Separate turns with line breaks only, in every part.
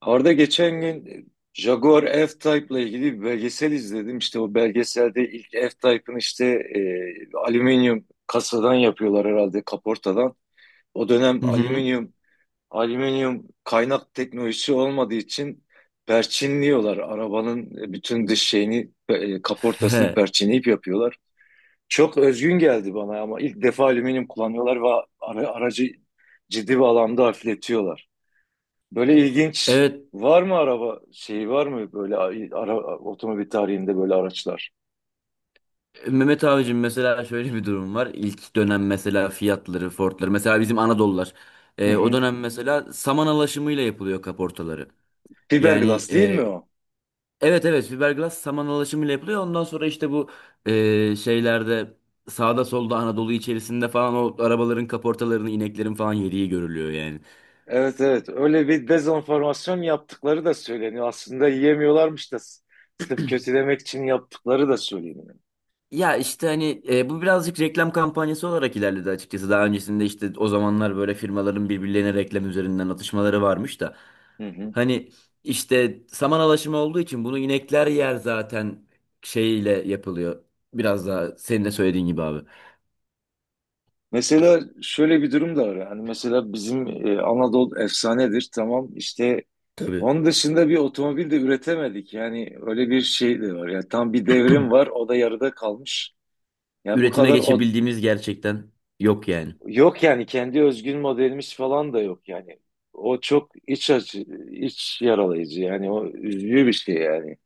Arda, geçen gün Jaguar f type ile ilgili bir belgesel izledim. İşte o belgeselde ilk F-Type'ın işte alüminyum kasadan yapıyorlar herhalde kaportadan. O dönem
Hı hı.
alüminyum kaynak teknolojisi olmadığı için perçinliyorlar. Arabanın bütün dış şeyini kaportasını
He.
perçinleyip yapıyorlar. Çok özgün geldi bana, ama ilk defa alüminyum kullanıyorlar ve aracı ciddi bir alanda hafifletiyorlar. Böyle ilginç
Evet
var mı araba şeyi var mı böyle otomobil tarihinde böyle araçlar?
Mehmet abicim mesela şöyle bir durum var. İlk dönem mesela fiyatları, fortları mesela bizim Anadolular.
Hı
O
hı.
dönem mesela saman alaşımıyla yapılıyor kaportaları. Yani
Fiberglass değil mi o?
evet evet fiberglass saman alaşımıyla yapılıyor. Ondan sonra işte bu şeylerde sağda solda Anadolu içerisinde falan o arabaların kaportalarını ineklerin falan yediği görülüyor yani.
Evet, evet, öyle bir dezenformasyon yaptıkları da söyleniyor. Aslında yiyemiyorlarmış da sırf kötülemek için yaptıkları da söyleniyor.
Ya işte hani bu birazcık reklam kampanyası olarak ilerledi açıkçası. Daha öncesinde işte o zamanlar böyle firmaların birbirlerine reklam üzerinden atışmaları varmış da.
Hı hı.
Hani işte saman alaşımı olduğu için bunu inekler yer zaten şeyiyle yapılıyor. Biraz daha senin de söylediğin gibi abi.
Mesela şöyle bir durum da var. Yani mesela bizim Anadolu efsanedir, tamam işte
Tabii.
onun dışında bir otomobil de üretemedik. Yani öyle bir şey de var. Yani tam bir devrim var, o da yarıda kalmış. Ya bu
Üretime
kadar.
geçebildiğimiz gerçekten yok yani.
Yok yani, kendi özgün modelimiz falan da yok yani. O çok iç acı, iç yaralayıcı yani, o üzücü bir şey yani.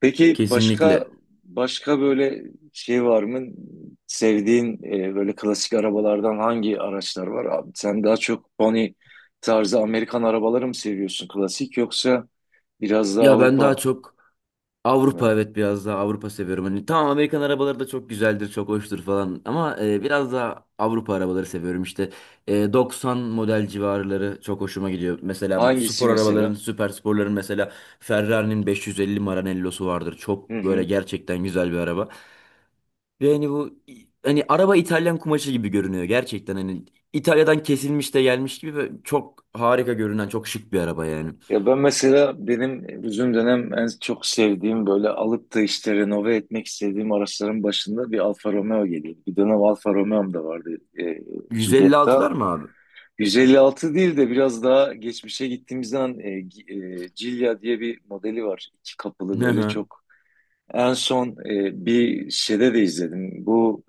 Peki, başka
Kesinlikle.
başka böyle şey var mı? Sevdiğin böyle klasik arabalardan hangi araçlar var abi? Sen daha çok Pony tarzı Amerikan arabaları mı seviyorsun klasik, yoksa biraz daha
Ya ben daha
Avrupa
çok Avrupa,
mı?
evet, biraz daha Avrupa seviyorum. Hani tamam Amerikan arabaları da çok güzeldir, çok hoştur falan ama biraz daha Avrupa arabaları seviyorum. İşte 90 model civarları çok hoşuma gidiyor. Mesela bu
Hangisi
spor arabaların,
mesela?
süper sporların mesela Ferrari'nin 550 Maranello'su vardır.
Hı
Çok böyle
hı.
gerçekten güzel bir araba. Ve hani bu, hani araba İtalyan kumaşı gibi görünüyor gerçekten, hani İtalya'dan kesilmiş de gelmiş gibi ve çok harika görünen çok şık bir araba yani.
Ya ben mesela, benim bizim dönem en çok sevdiğim böyle alıp da işte renove etmek istediğim araçların başında bir Alfa Romeo geliyordu. Bir dönem Alfa Romeo'm da vardı, e, Giulietta.
156'lar mı abi?
156 değil de biraz daha geçmişe gittiğimizden Giulia diye bir modeli var. İki kapılı
Hı
böyle
hı.
çok. En son bir şeyde de izledim. Bu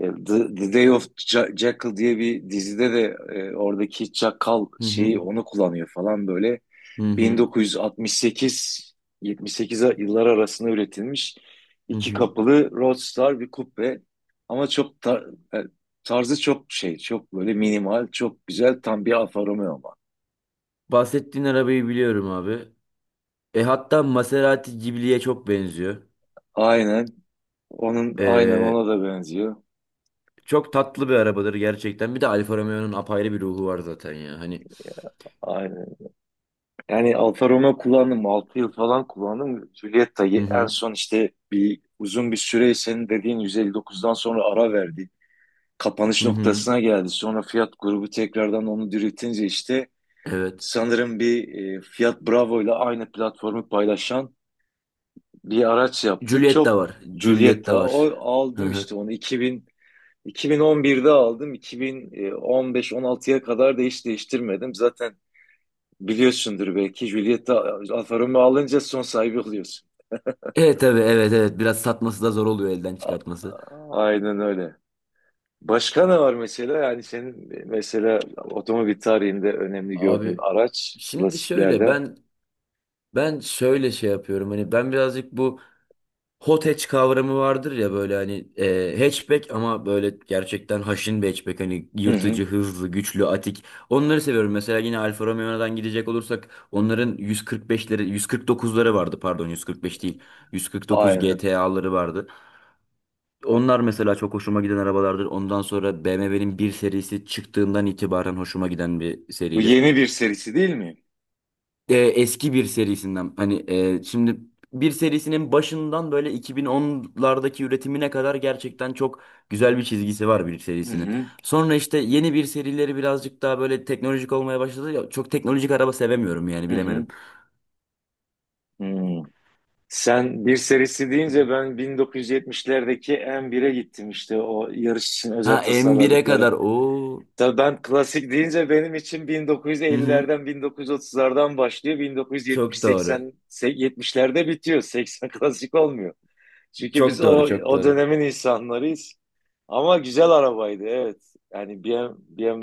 The Day of Jackal diye bir dizide de oradaki çakal
Hı hı.
şeyi onu kullanıyor falan böyle.
Hı hı.
1968-78 yıllar arasında üretilmiş
Hı
iki
hı.
kapılı Roadster bir coupe. Ama çok tarzı çok şey, çok böyle minimal, çok güzel, tam bir Alfa Romeo ama.
Bahsettiğin arabayı biliyorum abi. E, hatta Maserati Ghibli'ye çok benziyor.
Aynen. Onun aynen
E,
ona da benziyor.
çok tatlı bir arabadır gerçekten. Bir de Alfa Romeo'nun apayrı bir ruhu var zaten ya. Hani
Aynen. Yani Alfa Romeo kullandım. 6 yıl falan kullandım. Giulietta'yı
hı
en
hı,
son, işte bir uzun bir süre senin dediğin 159'dan sonra ara verdi. Kapanış
hı hı.
noktasına geldi. Sonra Fiat grubu tekrardan onu diriltince işte
Evet.
sanırım bir, Fiat Bravo ile aynı platformu paylaşan bir araç yaptı.
Giulietta
Çok
var.
Giulietta.
Giulietta
O
var. Hı
aldım işte
hı.
onu 2000 2011'de aldım. 2015-16'ya kadar da hiç değiştirmedim. Zaten biliyorsundur belki, Giulietta Alfa Romeo alınca son sahibi oluyorsun.
Evet tabii, evet evet, biraz satması da zor oluyor, elden çıkartması.
Aynen öyle. Başka ne var mesela? Yani senin mesela otomobil tarihinde önemli gördüğün
Abi
araç
şimdi şöyle,
klasiklerden.
ben şöyle şey yapıyorum. Hani ben birazcık bu Hot hatch kavramı vardır ya, böyle hani hatchback ama böyle gerçekten haşin bir hatchback, hani
Hı hı.
yırtıcı, hızlı, güçlü, atik. Onları seviyorum. Mesela yine Alfa Romeo'dan gidecek olursak onların 145'leri, 149'ları vardı, pardon 145 değil. 149
Aynen.
GTA'ları vardı. Onlar mesela çok hoşuma giden arabalardır. Ondan sonra BMW'nin bir serisi çıktığından itibaren hoşuma giden bir
Bu
seridir,
yeni bir serisi değil mi?
eski bir serisinden hani, şimdi bir serisinin başından böyle 2010'lardaki üretimine kadar gerçekten çok güzel bir çizgisi var bir
Hı
serisinin.
hı,
Sonra işte yeni bir serileri birazcık daha böyle teknolojik olmaya başladı. Ya, çok teknolojik araba sevemiyorum yani,
hı hı,
bilemedim.
hı. Sen bir serisi deyince ben 1970'lerdeki M1'e gittim, işte o yarış için
Ha,
özel
M1'e
tasarladıkları.
kadar. Oo.
Tabii, ben klasik deyince benim için
Hı hı.
1950'lerden 1930'lardan başlıyor.
Çok doğru.
1970-80, 70'lerde bitiyor. 80 klasik olmuyor. Çünkü biz
Çok
o
doğru, çok
o
doğru.
dönemin insanlarıyız. Ama güzel arabaydı, evet. Yani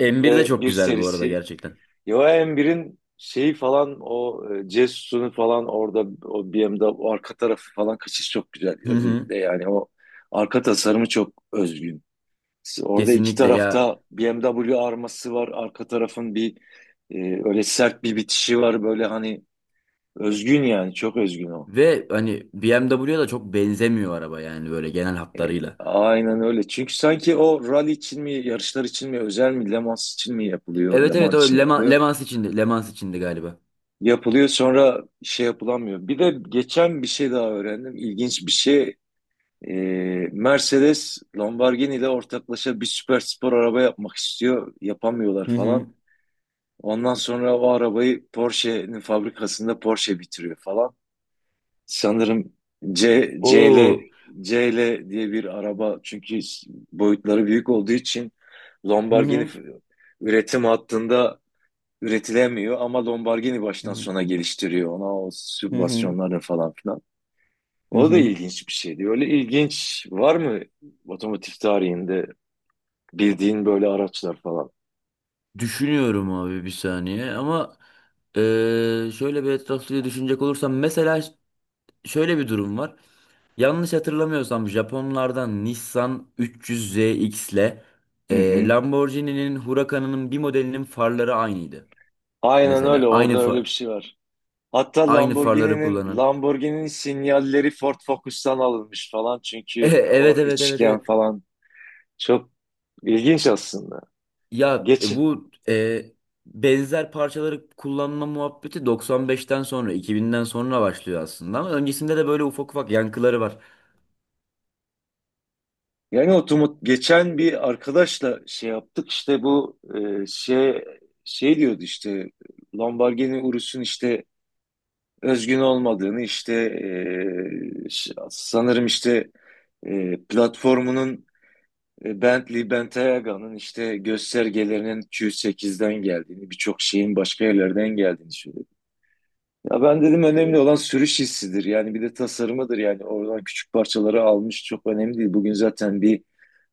M1 de çok
bir
güzel bu arada
serisi,
gerçekten.
Johan birin şeyi falan, o Jesus'unu falan orada, o BMW'de o arka tarafı falan kaçış çok güzel,
Hı hı.
özellikle yani o arka tasarımı çok özgün. Orada iki
Kesinlikle ya.
tarafta BMW arması var. Arka tarafın bir, e, öyle sert bir bitişi var. Böyle hani özgün yani, çok özgün o.
Ve hani BMW'ye da çok benzemiyor araba yani, böyle genel
E,
hatlarıyla.
aynen öyle. Çünkü sanki o rally için mi, yarışlar için mi, özel mi, Le Mans için mi yapılıyor? Le
Evet evet,
Mans
o
için
Leman,
yapılıyor.
Lemans içindi. Lemans içindi galiba.
Yapılıyor sonra şey yapılamıyor. Bir de geçen bir şey daha öğrendim. İlginç bir şey. Ee, Mercedes Lamborghini ile ortaklaşa bir süper spor araba yapmak istiyor. Yapamıyorlar
Hı hı.
falan. Ondan sonra o arabayı Porsche'nin fabrikasında Porsche bitiriyor falan. Sanırım C, CL,
Oo.
CL diye bir araba, çünkü boyutları büyük olduğu için
Hı
Lamborghini
hı.
üretim hattında üretilemiyor, ama Lamborghini
Hı
baştan
hı.
sona geliştiriyor ona, o
Hı hı.
sübvansiyonları falan filan.
Hı
O da
hı.
ilginç bir şeydi. Öyle ilginç var mı otomotiv tarihinde bildiğin böyle araçlar falan?
Düşünüyorum abi, bir saniye, ama şöyle bir etraflıca düşünecek olursam mesela, şöyle bir durum var. Yanlış hatırlamıyorsam Japonlardan Nissan 300ZX ile
Hı hı.
Lamborghini'nin Huracan'ının bir modelinin farları aynıydı.
Aynen
Mesela
öyle, orada öyle bir şey var. Hatta
aynı farları kullanan.
Lamborghini'nin sinyalleri Ford Focus'tan alınmış falan, çünkü o
Evet evet evet
üçgen
evet.
falan çok ilginç aslında.
Ya,
Geç
bu benzer parçaları kullanma muhabbeti 95'ten sonra, 2000'den sonra başlıyor aslında, ama öncesinde de böyle ufak ufak yankıları var.
Yani otomat, geçen bir arkadaşla şey yaptık işte, bu şey diyordu işte, Lamborghini Urus'un işte özgün olmadığını, işte sanırım işte platformunun, Bentley Bentayga'nın işte göstergelerinin Q8'den geldiğini, birçok şeyin başka yerlerden geldiğini söylüyor. Ya ben dedim, önemli olan sürüş hissidir. Yani bir de tasarımıdır yani. Oradan küçük parçaları almış, çok önemli değil. Bugün zaten bir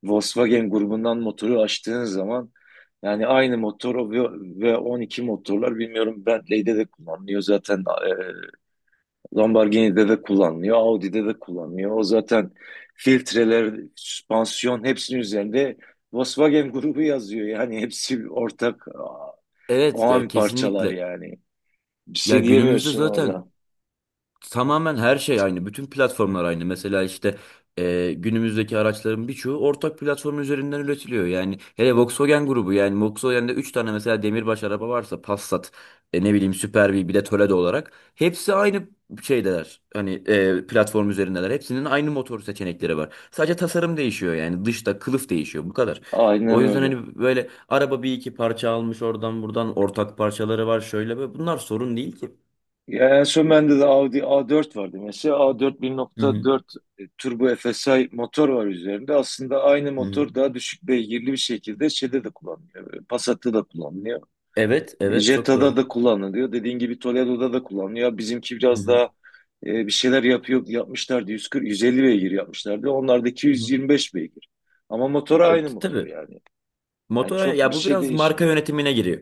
Volkswagen grubundan motoru açtığın zaman yani aynı motor o, ve 12 motorlar bilmiyorum Bentley'de de kullanılıyor zaten, Lamborghini'de de kullanılıyor, Audi'de de kullanılıyor. O zaten filtreler, süspansiyon, hepsinin üzerinde Volkswagen grubu yazıyor. Yani hepsi ortak o
Evet ya,
an parçalar
kesinlikle.
yani. Bir
Ya
şey
günümüzde
diyemiyorsun
zaten
orada.
tamamen her şey aynı. Bütün platformlar aynı. Mesela işte günümüzdeki araçların birçoğu ortak platform üzerinden üretiliyor. Yani hele Volkswagen grubu, yani Volkswagen'de 3 tane mesela demirbaş araba varsa Passat, ne bileyim Super B, bir de Toledo olarak hepsi aynı şeydeler. Hani platform üzerindeler. Hepsinin aynı motor seçenekleri var. Sadece tasarım değişiyor, yani dışta kılıf değişiyor, bu kadar.
Aynen
O yüzden
öyle.
hani böyle araba bir iki parça almış oradan buradan, ortak parçaları var şöyle, ve bunlar sorun değil ki.
Ya en son bende de Audi A4 vardı. Mesela A4
Hı hı.
1.4 turbo FSI motor var üzerinde. Aslında aynı
Hı hı.
motor daha düşük beygirli bir şekilde şeyde de kullanılıyor. Passat'ta da kullanılıyor.
Evet, evet, çok
Jetta'da
doğru.
da kullanılıyor. Dediğin gibi Toledo'da da kullanılıyor. Bizimki
Hı
biraz
hı,
daha bir şeyler yapıyor, yapmışlardı. 140, 150 beygir yapmışlardı. Onlardaki
hı hı.
125 beygir. Ama motor aynı motor
Tabii
yani. Yani
motora,
çok
ya,
bir
bu
şey
biraz marka
değişmiyor.
yönetimine giriyor.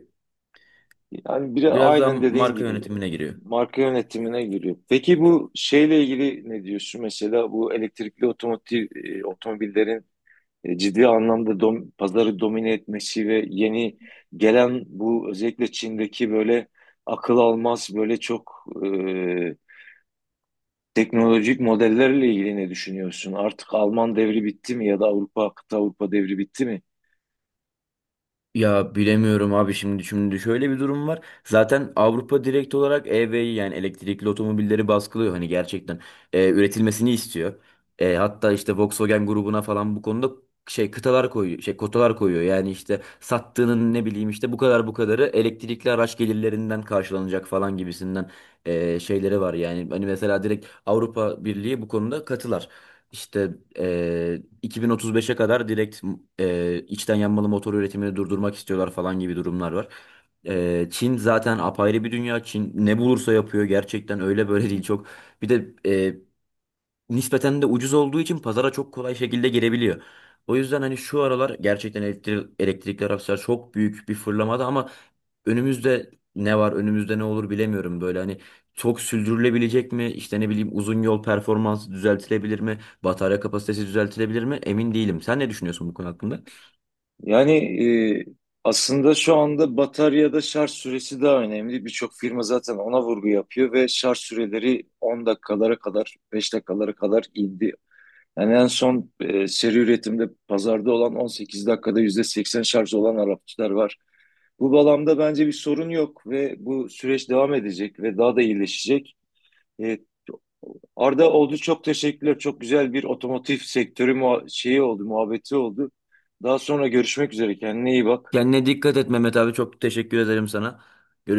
Yani biri
Biraz daha
aynen dediğin
marka
gibi
yönetimine giriyor.
marka yönetimine giriyor. Peki, bu şeyle ilgili ne diyorsun? Mesela bu elektrikli otomotiv, otomobillerin ciddi anlamda pazarı domine etmesi ve yeni gelen bu, özellikle Çin'deki böyle akıl almaz böyle çok teknolojik modellerle ilgili ne düşünüyorsun? Artık Alman devri bitti mi, ya da Avrupa, kıta Avrupa devri bitti mi?
Ya bilemiyorum abi, şimdi şöyle bir durum var. Zaten Avrupa direkt olarak EV'yi, yani elektrikli otomobilleri baskılıyor, hani gerçekten üretilmesini istiyor. E, hatta işte Volkswagen grubuna falan bu konuda şey kıtalar koyuyor, şey kotalar koyuyor. Yani işte sattığının, ne bileyim, işte bu kadar bu kadarı elektrikli araç gelirlerinden karşılanacak falan gibisinden şeyleri var yani. Hani mesela direkt Avrupa Birliği bu konuda katılar. İşte 2035'e kadar direkt içten yanmalı motor üretimini durdurmak istiyorlar falan gibi durumlar var. Çin zaten apayrı bir dünya. Çin ne bulursa yapıyor gerçekten, öyle
Hı
böyle değil,
hı.
çok. Bir de nispeten de ucuz olduğu için pazara çok kolay şekilde girebiliyor. O yüzden hani şu aralar gerçekten elektrikli araçlar çok büyük bir fırlamada, ama önümüzde ne var, önümüzde ne olur bilemiyorum, böyle hani çok sürdürülebilecek mi, işte ne bileyim uzun yol performansı düzeltilebilir mi, batarya kapasitesi düzeltilebilir mi, emin değilim. Sen ne düşünüyorsun bu konu hakkında?
Yani e, aslında şu anda bataryada şarj süresi daha önemli. Birçok firma zaten ona vurgu yapıyor ve şarj süreleri 10 dakikalara kadar, 5 dakikalara kadar indi. Yani en son seri üretimde pazarda olan 18 dakikada %80 şarj olan araçlar var. Bu bağlamda bence bir sorun yok ve bu süreç devam edecek ve daha da iyileşecek. E, Arda oldu, çok teşekkürler. Çok güzel bir otomotiv sektörü şeyi oldu, muhabbeti oldu. Daha sonra görüşmek üzere. Kendine iyi bak.
Kendine dikkat et Mehmet abi, çok teşekkür ederim sana. Görüşürüz.